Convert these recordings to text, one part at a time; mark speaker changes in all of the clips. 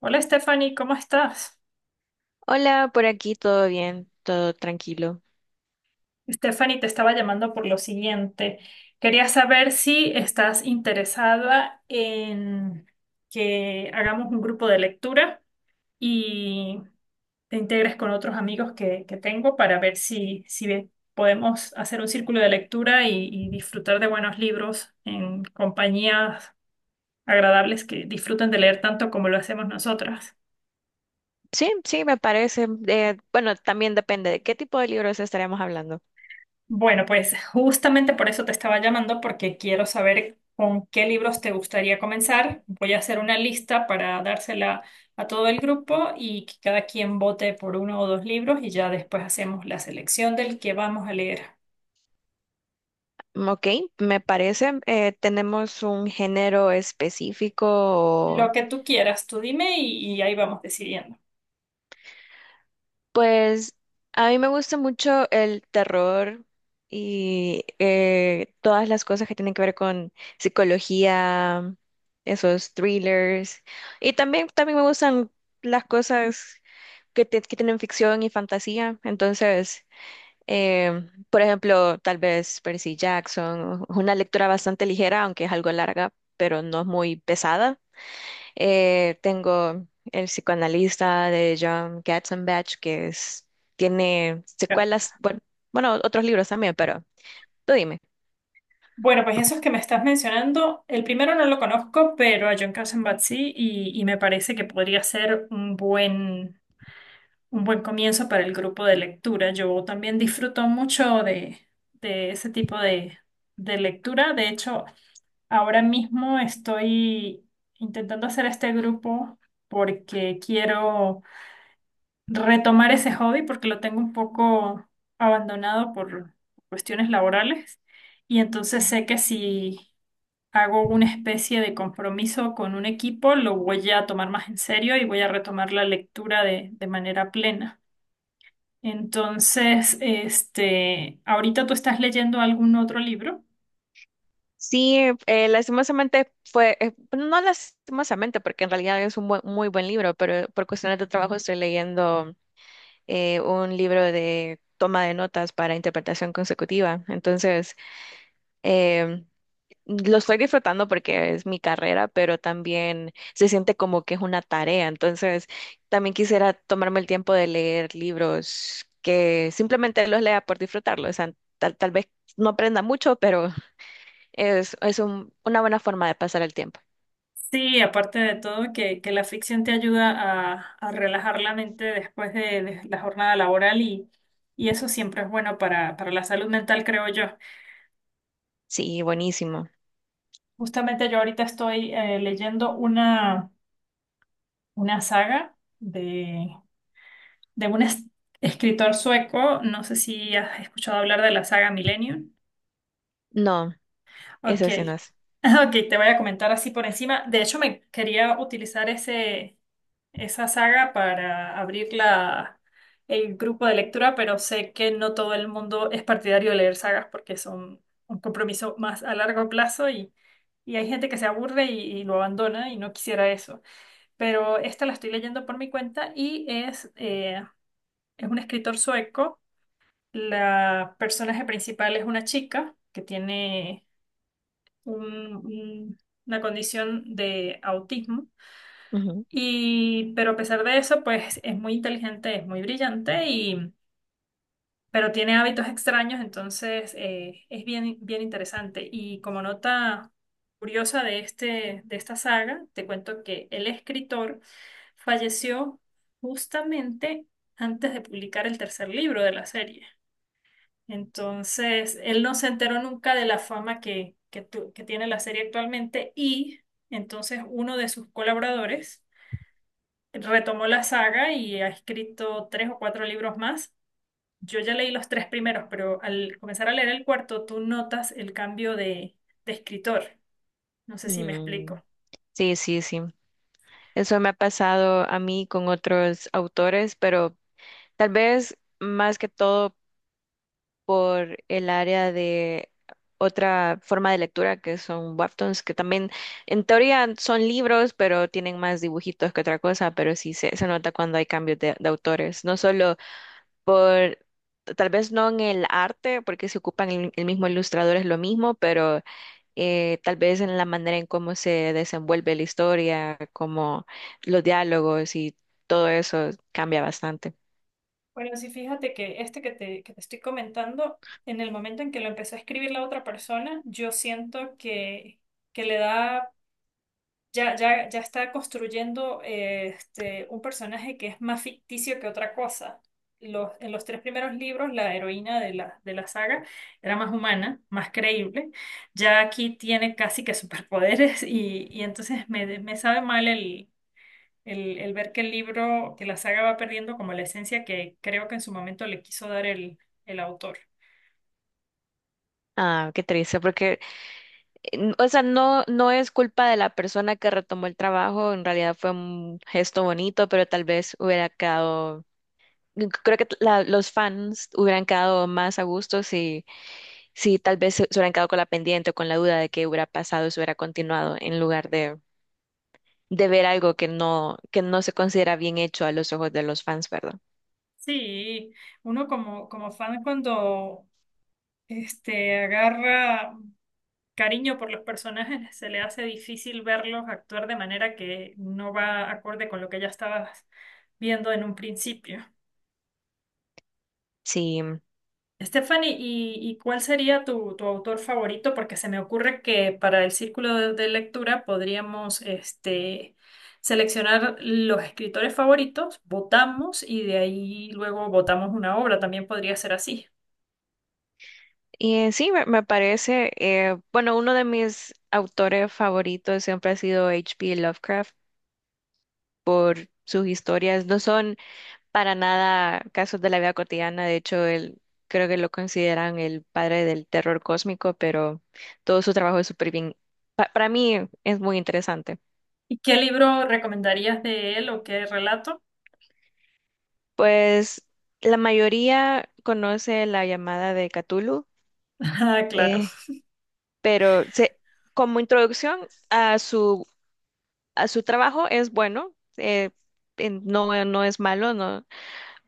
Speaker 1: Hola Stephanie, ¿cómo estás?
Speaker 2: Hola, por aquí todo bien, todo tranquilo.
Speaker 1: Stephanie, te estaba llamando por lo siguiente. Quería saber si estás interesada en que hagamos un grupo de lectura y te integres con otros amigos que tengo para ver si podemos hacer un círculo de lectura y disfrutar de buenos libros en compañías agradables que disfruten de leer tanto como lo hacemos nosotras.
Speaker 2: Sí, sí, me parece. Bueno, también depende de qué tipo de libros estaremos hablando.
Speaker 1: Bueno, pues justamente por eso te estaba llamando, porque quiero saber con qué libros te gustaría comenzar. Voy a hacer una lista para dársela a todo el grupo y que cada quien vote por uno o dos libros y ya después hacemos la selección del que vamos a leer.
Speaker 2: Mm, ok, me parece. ¿Tenemos un género específico? O...
Speaker 1: Lo que tú quieras, tú dime y ahí vamos decidiendo.
Speaker 2: Pues a mí me gusta mucho el terror y todas las cosas que tienen que ver con psicología, esos thrillers. Y también me gustan las cosas que tienen ficción y fantasía. Entonces... Por ejemplo, tal vez Percy Jackson, es una lectura bastante ligera, aunque es algo larga, pero no es muy pesada. Tengo El psicoanalista de John Katzenbach, que es, tiene
Speaker 1: Ya.
Speaker 2: secuelas, bueno, otros libros también, pero tú dime.
Speaker 1: Bueno, pues esos que me estás mencionando, el primero no lo conozco, pero a John Katzenbach sí y me parece que podría ser un buen comienzo para el grupo de lectura. Yo también disfruto mucho de ese tipo de lectura. De hecho, ahora mismo estoy intentando hacer este grupo porque quiero retomar ese hobby porque lo tengo un poco abandonado por cuestiones laborales. Y entonces sé que si hago una especie de compromiso con un equipo, lo voy a tomar más en serio y voy a retomar la lectura de manera plena. Entonces, este, ahorita tú estás leyendo algún otro libro.
Speaker 2: Sí, no lastimosamente, porque en realidad es un muy buen libro, pero por cuestiones de trabajo estoy leyendo un libro de toma de notas para interpretación consecutiva. Entonces, Eh, lo estoy disfrutando porque es mi carrera, pero también se siente como que es una tarea. Entonces, también quisiera tomarme el tiempo de leer libros que simplemente los lea por disfrutarlos. O sea, tal vez no aprenda mucho, pero una buena forma de pasar el tiempo.
Speaker 1: Sí, aparte de todo, que la ficción te ayuda a relajar la mente después de la jornada laboral y eso siempre es bueno para la salud mental, creo yo.
Speaker 2: Sí, buenísimo.
Speaker 1: Justamente yo ahorita estoy leyendo una saga de un escritor sueco, no sé si has escuchado hablar de la saga Millennium.
Speaker 2: No,
Speaker 1: Ok,
Speaker 2: ese sí no es.
Speaker 1: ok, te voy a comentar así por encima. De hecho, me quería utilizar esa saga para abrir el grupo de lectura, pero sé que no todo el mundo es partidario de leer sagas porque son un compromiso más a largo plazo y hay gente que se aburre y lo abandona y no quisiera eso. Pero esta la estoy leyendo por mi cuenta y es un escritor sueco. La personaje principal es una chica que tiene un- un- una condición de autismo.
Speaker 2: Ujú.
Speaker 1: Y, pero a pesar de eso, pues es muy inteligente, es muy brillante y, pero tiene hábitos extraños, entonces es bien, bien interesante. Y como nota curiosa de de esta saga, te cuento que el escritor falleció justamente antes de publicar el tercer libro de la serie. Entonces, él no se enteró nunca de la fama que tiene la serie actualmente y entonces uno de sus colaboradores retomó la saga y ha escrito tres o cuatro libros más. Yo ya leí los tres primeros, pero al comenzar a leer el cuarto, tú notas el cambio de escritor. No sé si me explico.
Speaker 2: Mm, sí, sí, sí. Eso me ha pasado a mí con otros autores, pero tal vez más que todo por el área de otra forma de lectura que son webtoons, que también en teoría son libros, pero tienen más dibujitos que otra cosa, pero sí se nota cuando hay cambios de autores, no solo por, tal vez no en el arte, porque se ocupan el mismo ilustrador, es lo mismo, pero tal vez en la manera en cómo se desenvuelve la historia, como los diálogos y todo eso cambia bastante.
Speaker 1: Bueno, sí, fíjate que este que te estoy comentando, en el momento en que lo empezó a escribir la otra persona, yo siento que le da ya está construyendo un personaje que es más ficticio que otra cosa. En los tres primeros libros, la heroína de de la saga era más humana, más creíble. Ya aquí tiene casi que superpoderes y entonces me sabe mal el ver que el libro, que la saga va perdiendo como la esencia que creo que en su momento le quiso dar el autor.
Speaker 2: Ah, qué triste, porque o sea, no, no es culpa de la persona que retomó el trabajo, en realidad fue un gesto bonito, pero tal vez hubiera quedado, creo que los fans hubieran quedado más a gusto si, si tal vez se hubieran quedado con la pendiente o con la duda de qué hubiera pasado si hubiera continuado, en lugar de ver algo que no se considera bien hecho a los ojos de los fans, ¿verdad?
Speaker 1: Sí, uno como fan cuando este, agarra cariño por los personajes, se le hace difícil verlos actuar de manera que no va acorde con lo que ya estabas viendo en un principio.
Speaker 2: Sí,
Speaker 1: Stephanie, ¿y cuál sería tu autor favorito? Porque se me ocurre que para el círculo de lectura podríamos este, seleccionar los escritores favoritos, votamos y de ahí luego votamos una obra, también podría ser así.
Speaker 2: sí, me parece. Bueno, uno de mis autores favoritos siempre ha sido H. P. Lovecraft, por sus historias. No son para nada casos de la vida cotidiana. De hecho, él creo que lo consideran el padre del terror cósmico, pero todo su trabajo es súper bien. Para mí es muy interesante.
Speaker 1: ¿Y qué libro recomendarías de él o qué relato?
Speaker 2: Pues la mayoría conoce La llamada de Cthulhu,
Speaker 1: Ah, claro,
Speaker 2: eh, pero se- como introducción a a su trabajo es bueno. eh, no, no es malo, no,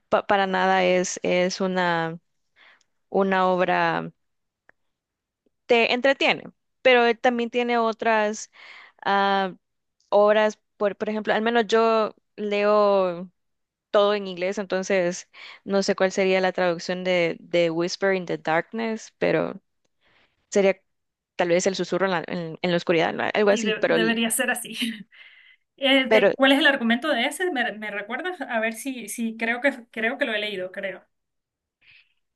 Speaker 2: para nada. Es una obra, te entretiene, pero él también tiene otras ah, obras. Por ejemplo, al menos yo leo todo en inglés, entonces no sé cuál sería la traducción de Whisper in the Darkness, pero sería tal vez el susurro en la, en la oscuridad, ¿no? Algo
Speaker 1: sí,
Speaker 2: así, pero,
Speaker 1: debería ser así.
Speaker 2: pero
Speaker 1: ¿Cuál es el argumento de ese? ¿ Me recuerdas? A ver si, si creo creo que lo he leído, creo.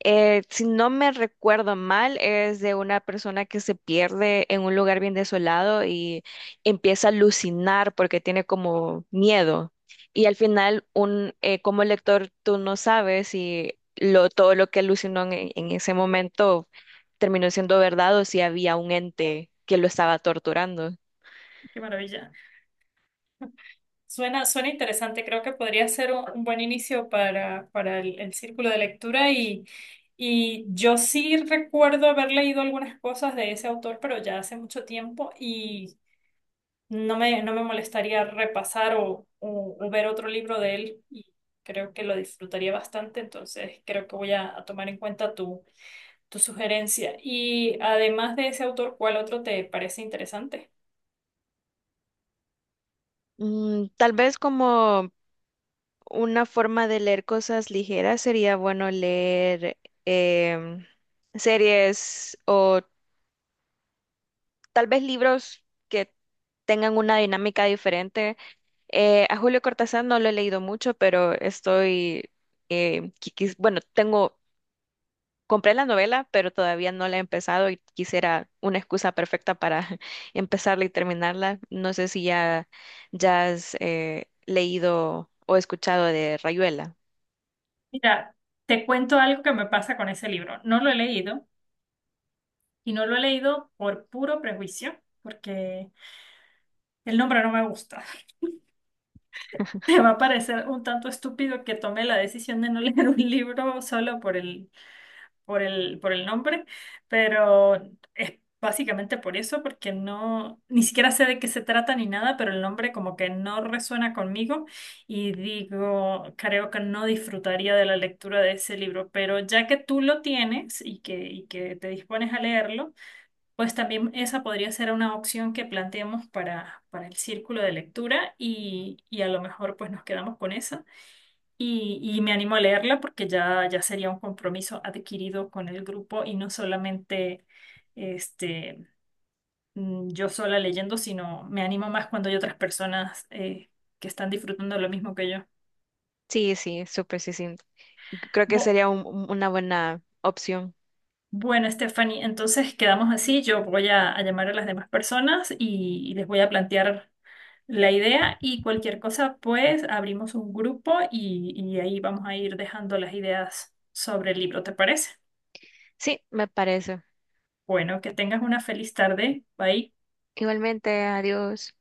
Speaker 2: eh, si no me recuerdo mal, es de una persona que se pierde en un lugar bien desolado y empieza a alucinar porque tiene como miedo. Y al final, como lector, tú no sabes si todo lo que alucinó en ese momento terminó siendo verdad o si había un ente que lo estaba torturando.
Speaker 1: Qué maravilla. Suena, suena interesante, creo que podría ser un buen inicio para el círculo de lectura y yo sí recuerdo haber leído algunas cosas de ese autor, pero ya hace mucho tiempo y no no me molestaría repasar o ver otro libro de él y creo que lo disfrutaría bastante, entonces creo que voy a tomar en cuenta tu tu sugerencia. Y además de ese autor, ¿cuál otro te parece interesante?
Speaker 2: Mm, tal vez como una forma de leer cosas ligeras sería bueno leer em, series o tal vez libros que tengan una dinámica diferente. A Julio Cortázar no lo he leído mucho, pero estoy, bueno, tengo, compré la novela, pero todavía no la he empezado y quisiera una excusa perfecta para empezarla y terminarla. No sé si ya has leído o escuchado de Rayuela.
Speaker 1: Mira, te cuento algo que me pasa con ese libro. No lo he leído y no lo he leído por puro prejuicio, porque el nombre no me gusta. Me va a parecer un tanto estúpido que tome la decisión de no leer un libro solo por el por el nombre, pero es básicamente por eso, porque no, ni siquiera sé de qué se trata ni nada, pero el nombre como que no resuena conmigo y digo, creo que no disfrutaría de la lectura de ese libro, pero ya que tú lo tienes y que te dispones a leerlo, pues también esa podría ser una opción que planteemos para el círculo de lectura y a lo mejor pues nos quedamos con esa. Y me animo a leerla porque ya sería un compromiso adquirido con el grupo y no solamente este, yo sola leyendo, sino me animo más cuando hay otras personas que están disfrutando lo mismo que yo.
Speaker 2: Sí, sí, súper, sí, sí. Creo que
Speaker 1: Bu-
Speaker 2: sería una buena opción.
Speaker 1: bueno, Stephanie, entonces quedamos así. Yo voy a llamar a las demás personas y les voy a plantear la idea y cualquier cosa, pues abrimos un grupo y ahí vamos a ir dejando las ideas sobre el libro, ¿te parece?
Speaker 2: Sí, me parece.
Speaker 1: Bueno, que tengas una feliz tarde. Bye.
Speaker 2: Igualmente, adiós.